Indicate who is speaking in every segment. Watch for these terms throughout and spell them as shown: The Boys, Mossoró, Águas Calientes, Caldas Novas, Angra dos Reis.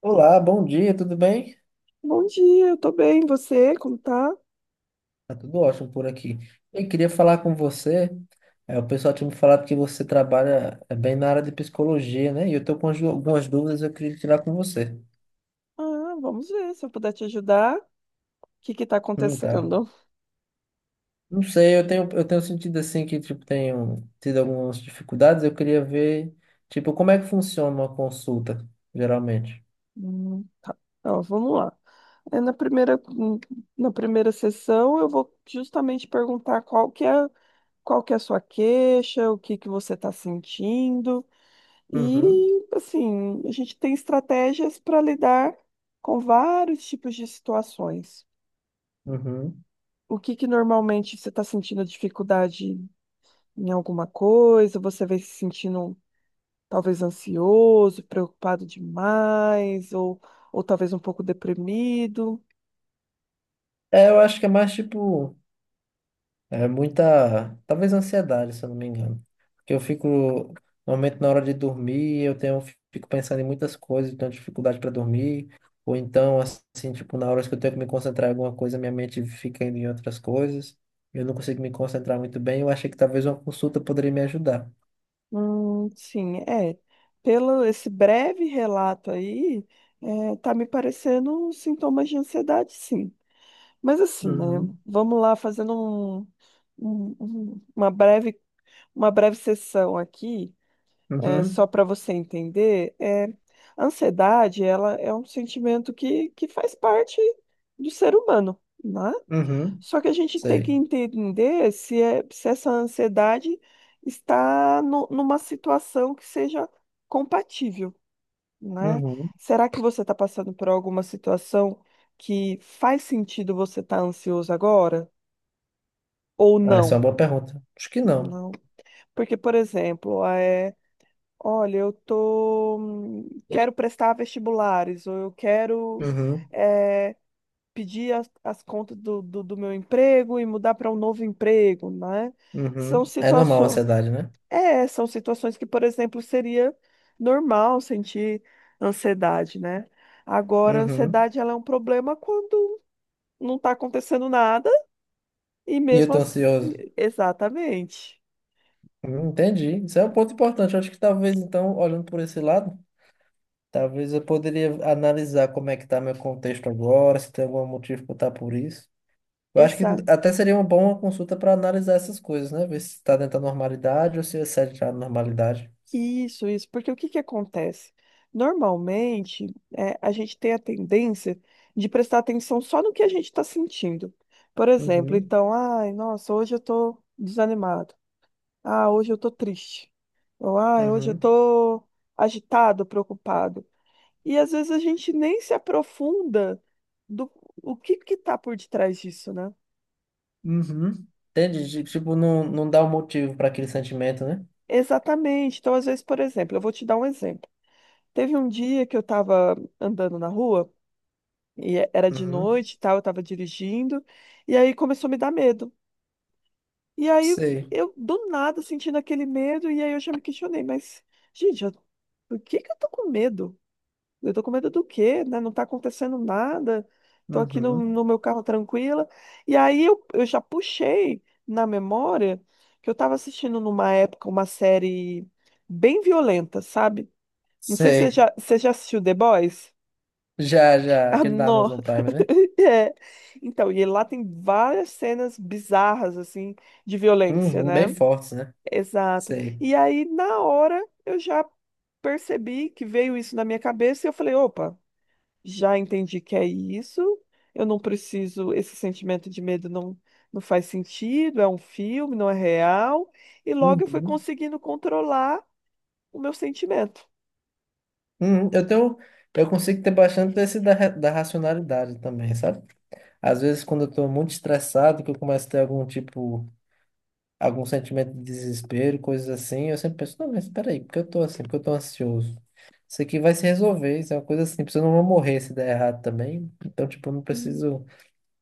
Speaker 1: Olá, bom dia, tudo bem?
Speaker 2: Bom dia, eu tô bem. Você, como tá?
Speaker 1: Tá tudo ótimo por aqui. Eu queria falar com você. O pessoal tinha me falado que você trabalha bem na área de psicologia, né? E eu tô com algumas dúvidas, eu queria tirar com você.
Speaker 2: Ah, vamos ver se eu puder te ajudar. O que que tá
Speaker 1: Tá.
Speaker 2: acontecendo?
Speaker 1: Não sei, eu tenho sentido assim que tipo tenho tido algumas dificuldades. Eu queria ver, tipo, como é que funciona uma consulta, geralmente.
Speaker 2: Hum. Então, vamos lá. É, na primeira, hum, na primeira sessão, eu vou justamente perguntar qual que é a sua queixa, o que que você está sentindo.
Speaker 1: Uhum,
Speaker 2: E, assim, a gente tem estratégias para lidar com vários tipos de situações.
Speaker 1: uhum.
Speaker 2: O que que normalmente você está sentindo dificuldade em alguma coisa? Você vem se sentindo talvez ansioso, preocupado demais, ou talvez um pouco deprimido.
Speaker 1: É, eu acho que é mais tipo. É muita, talvez ansiedade, se eu não me engano. Porque eu fico, normalmente na hora de dormir, eu tenho, fico pensando em muitas coisas, tenho dificuldade para dormir, ou então, assim, tipo, na hora que eu tenho que me concentrar em alguma coisa, minha mente fica indo em outras coisas, eu não consigo me concentrar muito bem, eu achei que talvez uma consulta poderia me ajudar.
Speaker 2: Sim, é. Pelo esse breve relato aí, tá me parecendo sintomas de ansiedade, sim. Mas assim, né?
Speaker 1: Uhum,
Speaker 2: Vamos lá fazendo um- um- uma breve, uma breve sessão aqui,
Speaker 1: uhum,
Speaker 2: só para você entender. A ansiedade, ela é um sentimento que faz parte do ser humano, né?
Speaker 1: uhum,
Speaker 2: Só que a gente tem que
Speaker 1: sei.
Speaker 2: entender se essa ansiedade está numa situação que seja compatível, né?
Speaker 1: Uhum.
Speaker 2: Será que você está passando por alguma situação que faz sentido você estar ansioso agora ou
Speaker 1: Ah, essa é uma
Speaker 2: não?
Speaker 1: boa pergunta. Acho que não.
Speaker 2: Não. Porque, por exemplo, olha, eu tô, quero prestar vestibulares ou eu quero
Speaker 1: Uhum,
Speaker 2: eh, pedir as contas do meu emprego e mudar para um novo emprego, né? São
Speaker 1: uhum. É normal a
Speaker 2: situações,
Speaker 1: ansiedade, né?
Speaker 2: são situações que, por exemplo, seria normal sentir ansiedade, né? Agora, a
Speaker 1: Uhum.
Speaker 2: ansiedade ela é um problema quando não está acontecendo nada e
Speaker 1: E eu
Speaker 2: mesmo
Speaker 1: tô
Speaker 2: assim,
Speaker 1: ansioso.
Speaker 2: exatamente.
Speaker 1: Entendi. Isso é um ponto importante. Eu acho que talvez, então, olhando por esse lado, talvez eu poderia analisar como é que está meu contexto agora, se tem algum motivo para estar por isso. Eu acho que até seria uma boa consulta para analisar essas coisas, né? Ver se está dentro da normalidade ou se excede a normalidade.
Speaker 2: Isso, porque o que que acontece? Normalmente, a gente tem a tendência de prestar atenção só no que a gente está sentindo. Por exemplo,
Speaker 1: Uhum,
Speaker 2: então, ai, nossa, hoje eu tô desanimado. Ah, hoje eu tô triste. Ou, ai, hoje eu
Speaker 1: uhum,
Speaker 2: tô agitado, preocupado. E às vezes a gente nem se aprofunda do o que que tá por detrás disso, né?
Speaker 1: uhum. Entendi. Tipo, não dá um motivo para aquele sentimento, né?
Speaker 2: Exatamente. Então, às vezes, por exemplo, eu vou te dar um exemplo. Teve um dia que eu estava andando na rua. E era de
Speaker 1: Uhum.
Speaker 2: noite e tal, eu tava dirigindo. E aí começou a me dar medo. E aí
Speaker 1: Sei.
Speaker 2: eu, do nada, sentindo aquele medo, e aí eu já me questionei, mas, gente, por que que eu tô com medo? Eu tô com medo do quê, né? Não tá acontecendo nada. Tô aqui no,
Speaker 1: Uhum.
Speaker 2: no meu carro tranquila. E aí eu já puxei na memória que eu tava assistindo numa época uma série bem violenta, sabe? Não sei se você
Speaker 1: Sei.
Speaker 2: já, você já assistiu The Boys.
Speaker 1: Já, já.
Speaker 2: Ah,
Speaker 1: Aquele da
Speaker 2: não.
Speaker 1: Amazon Prime, né?
Speaker 2: É. Então, e lá tem várias cenas bizarras, assim, de violência,
Speaker 1: Uhum.
Speaker 2: né?
Speaker 1: Bem fortes, né?
Speaker 2: Exato.
Speaker 1: Sei.
Speaker 2: E aí, na hora, eu já percebi que veio isso na minha cabeça e eu falei: opa, já entendi que é isso, eu não preciso, esse sentimento de medo não, não faz sentido, é um filme, não é real. E logo eu fui
Speaker 1: Uhum.
Speaker 2: conseguindo controlar o meu sentimento.
Speaker 1: Eu tenho, eu consigo ter bastante desse da racionalidade também, sabe? Às vezes, quando eu estou muito estressado, que eu começo a ter algum tipo, algum sentimento de desespero, coisas assim, eu sempre penso, não, mas espera aí, por que eu tô assim? Por que eu tô ansioso? Isso aqui vai se resolver, isso é uma coisa simples, eu não vou morrer se der errado também, então, tipo, eu não preciso...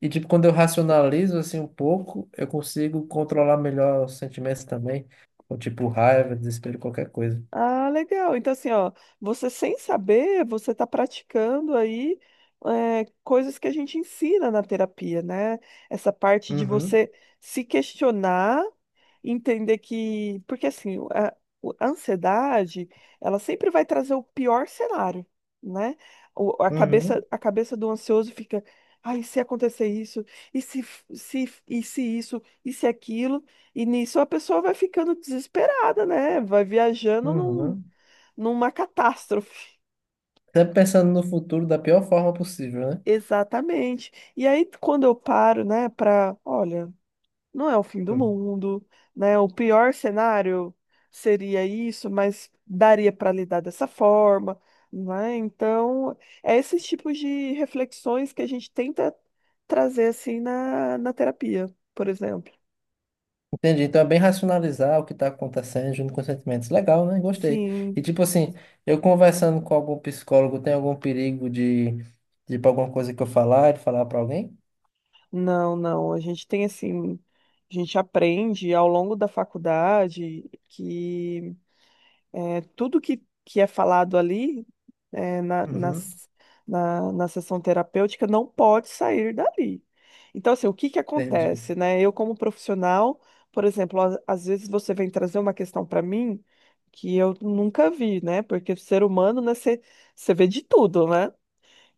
Speaker 1: E, tipo, quando eu racionalizo, assim, um pouco, eu consigo controlar melhor os sentimentos também, ou, tipo, raiva, desespero, qualquer coisa.
Speaker 2: Ah, legal. Então, assim, ó, você sem saber, você está praticando aí coisas que a gente ensina na terapia, né? Essa parte de
Speaker 1: Uhum,
Speaker 2: você se questionar, entender que. Porque, assim, a ansiedade, ela sempre vai trazer o pior cenário, né? O- a
Speaker 1: uhum,
Speaker 2: cabeça, a cabeça do ansioso fica. Ai, e se acontecer isso, e se isso, e se aquilo. E nisso a pessoa vai ficando desesperada, né? Vai viajando
Speaker 1: uhum.
Speaker 2: numa catástrofe.
Speaker 1: Sempre pensando no futuro da pior forma possível, né?
Speaker 2: Exatamente. E aí, quando eu paro, né, para, olha, não é o fim do
Speaker 1: Hum.
Speaker 2: mundo, né? O pior cenário seria isso, mas daria para lidar dessa forma, né? Então, é esses tipos de reflexões que a gente tenta trazer assim na terapia, por exemplo.
Speaker 1: Entendi. Então é bem racionalizar o que está acontecendo junto com os sentimentos. Legal, né? Gostei.
Speaker 2: Sim.
Speaker 1: E tipo assim, eu conversando com algum psicólogo, tem algum perigo de ir pra alguma coisa que eu falar, de falar para alguém?
Speaker 2: Não, não. A gente tem assim, a gente aprende ao longo da faculdade que tudo que é falado ali é, na,
Speaker 1: Uhum.
Speaker 2: nas- na sessão terapêutica não pode sair dali. Então, assim, o que que
Speaker 1: Entendi.
Speaker 2: acontece, né? Eu, como profissional, por exemplo, às vezes você vem trazer uma questão para mim que eu nunca vi, né? Porque ser humano, né, você vê de tudo, né?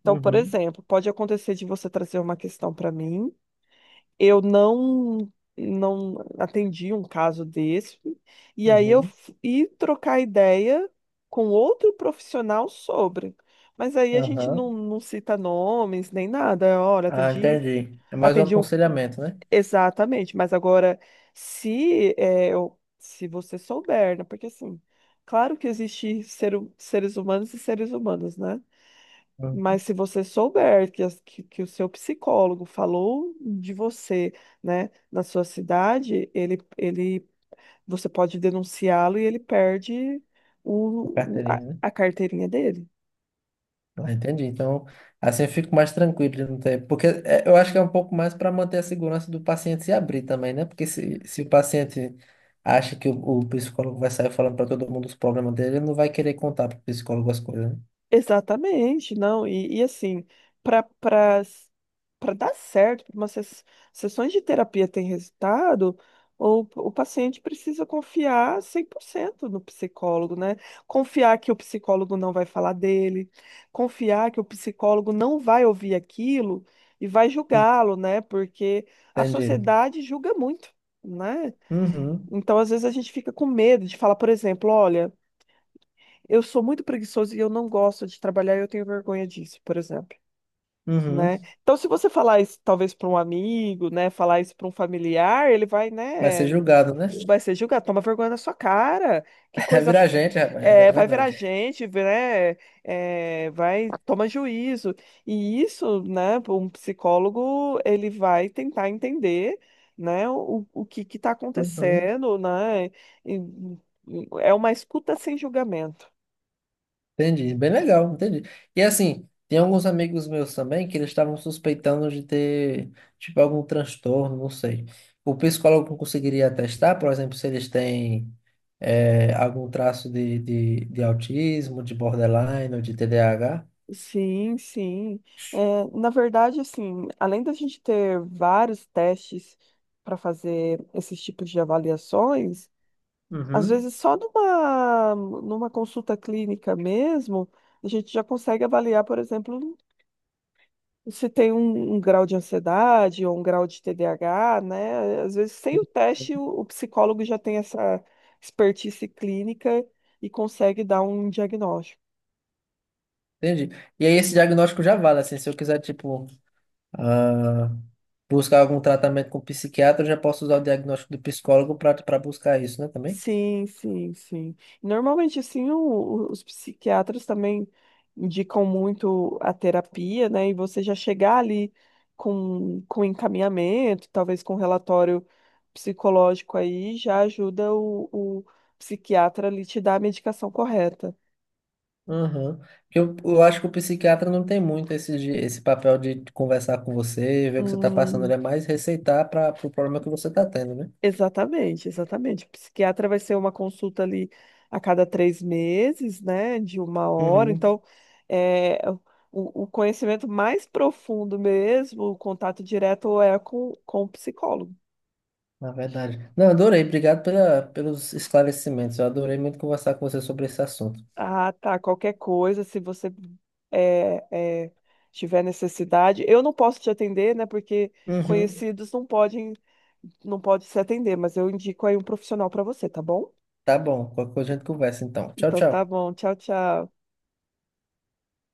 Speaker 2: Então, por
Speaker 1: Uhum,
Speaker 2: exemplo, pode acontecer de você trazer uma questão para mim eu não atendi um caso desse. E aí eu
Speaker 1: uhum.
Speaker 2: fui trocar ideia com outro profissional sobre. Mas aí a gente
Speaker 1: Aham.
Speaker 2: não cita nomes nem nada. Olha,
Speaker 1: Ah,
Speaker 2: atendi,
Speaker 1: entendi. É mais um
Speaker 2: atendi um
Speaker 1: aconselhamento, né?
Speaker 2: exatamente, mas agora se é, eu- se você souber, né? Porque assim, claro que existe seres humanos e seres humanos, né?
Speaker 1: Uhum.
Speaker 2: Mas se você souber que o seu psicólogo falou de você, né, na sua cidade, você pode denunciá-lo e ele perde
Speaker 1: Uma
Speaker 2: o, o- a,
Speaker 1: carteirinha, né?
Speaker 2: a carteirinha dele.
Speaker 1: Ah, entendi. Então, assim eu fico mais tranquilo, de não ter... porque é, eu acho que é um pouco mais para manter a segurança do paciente se abrir também, né? Porque se o paciente acha que o psicólogo vai sair falando para todo mundo os problemas dele, ele não vai querer contar para o psicólogo as coisas, né?
Speaker 2: Exatamente, não. E assim, para para para dar certo, para umas sessões de terapia ter resultado, o paciente precisa confiar 100% no psicólogo, né? Confiar que o psicólogo não vai falar dele, confiar que o psicólogo não vai ouvir aquilo e vai julgá-lo, né? Porque a
Speaker 1: Entendi.
Speaker 2: sociedade julga muito, né?
Speaker 1: Uhum,
Speaker 2: Então, às vezes, a gente fica com medo de falar, por exemplo, olha. Eu sou muito preguiçoso e eu não gosto de trabalhar e eu tenho vergonha disso, por exemplo, né?
Speaker 1: uhum.
Speaker 2: Então, se você falar isso talvez para um amigo, né, falar isso para um familiar, ele vai,
Speaker 1: Vai ser
Speaker 2: né,
Speaker 1: julgado, né?
Speaker 2: vai ser julgado, toma vergonha na sua cara, que
Speaker 1: Vai
Speaker 2: coisa,
Speaker 1: virar gente, rapaz, é
Speaker 2: vai virar
Speaker 1: verdade.
Speaker 2: gente, né, vai, toma juízo. E isso, né, um psicólogo, ele vai tentar entender, né, o que que está
Speaker 1: Uhum.
Speaker 2: acontecendo, né, e- é uma escuta sem julgamento.
Speaker 1: Entendi, bem legal, entendi. E assim, tem alguns amigos meus também que eles estavam suspeitando de ter, tipo, algum transtorno, não sei. O psicólogo conseguiria atestar, por exemplo, se eles têm algum traço de autismo, de borderline ou de TDAH?
Speaker 2: Sim, sim. É, na verdade, assim, além da gente ter vários testes para fazer esses tipos de avaliações, às
Speaker 1: Uhum.
Speaker 2: vezes só numa consulta clínica mesmo, a gente já consegue avaliar, por exemplo, se tem um grau de ansiedade ou um grau de TDAH, né? Às vezes, sem o teste, o psicólogo já tem essa expertise clínica e consegue dar um diagnóstico.
Speaker 1: Entendi. E aí esse diagnóstico já vale, assim, se eu quiser, tipo, ah, buscar algum tratamento com psiquiatra, eu já posso usar o diagnóstico do psicólogo para buscar isso, né, também?
Speaker 2: Sim, sim, sim. Normalmente, assim, os psiquiatras também indicam muito a terapia, né? E você já chegar ali com encaminhamento, talvez com relatório psicológico aí, já ajuda o psiquiatra ali te dar a medicação correta.
Speaker 1: Aham. Porque eu acho que o psiquiatra não tem muito esse, esse papel de conversar com você, ver o que você está passando, ele
Speaker 2: Hum,
Speaker 1: é mais receitar para o problema que você está tendo, né?
Speaker 2: Exatamente, exatamente. O psiquiatra vai ser uma consulta ali a cada 3 meses, né, de uma hora.
Speaker 1: Uhum,
Speaker 2: Então, é, o conhecimento mais profundo mesmo, o contato direto é com o psicólogo.
Speaker 1: na verdade. Não, adorei, obrigado pela, pelos esclarecimentos. Eu adorei muito conversar com você sobre esse assunto.
Speaker 2: Ah, tá. Qualquer coisa, se você é, é, tiver necessidade, eu não posso te atender, né, porque
Speaker 1: Uhum.
Speaker 2: conhecidos não podem, não pode se atender, mas eu indico aí um profissional para você, tá bom?
Speaker 1: Tá bom, qualquer coisa a gente conversa então. Tchau,
Speaker 2: Então, tá
Speaker 1: tchau.
Speaker 2: bom. Tchau, tchau.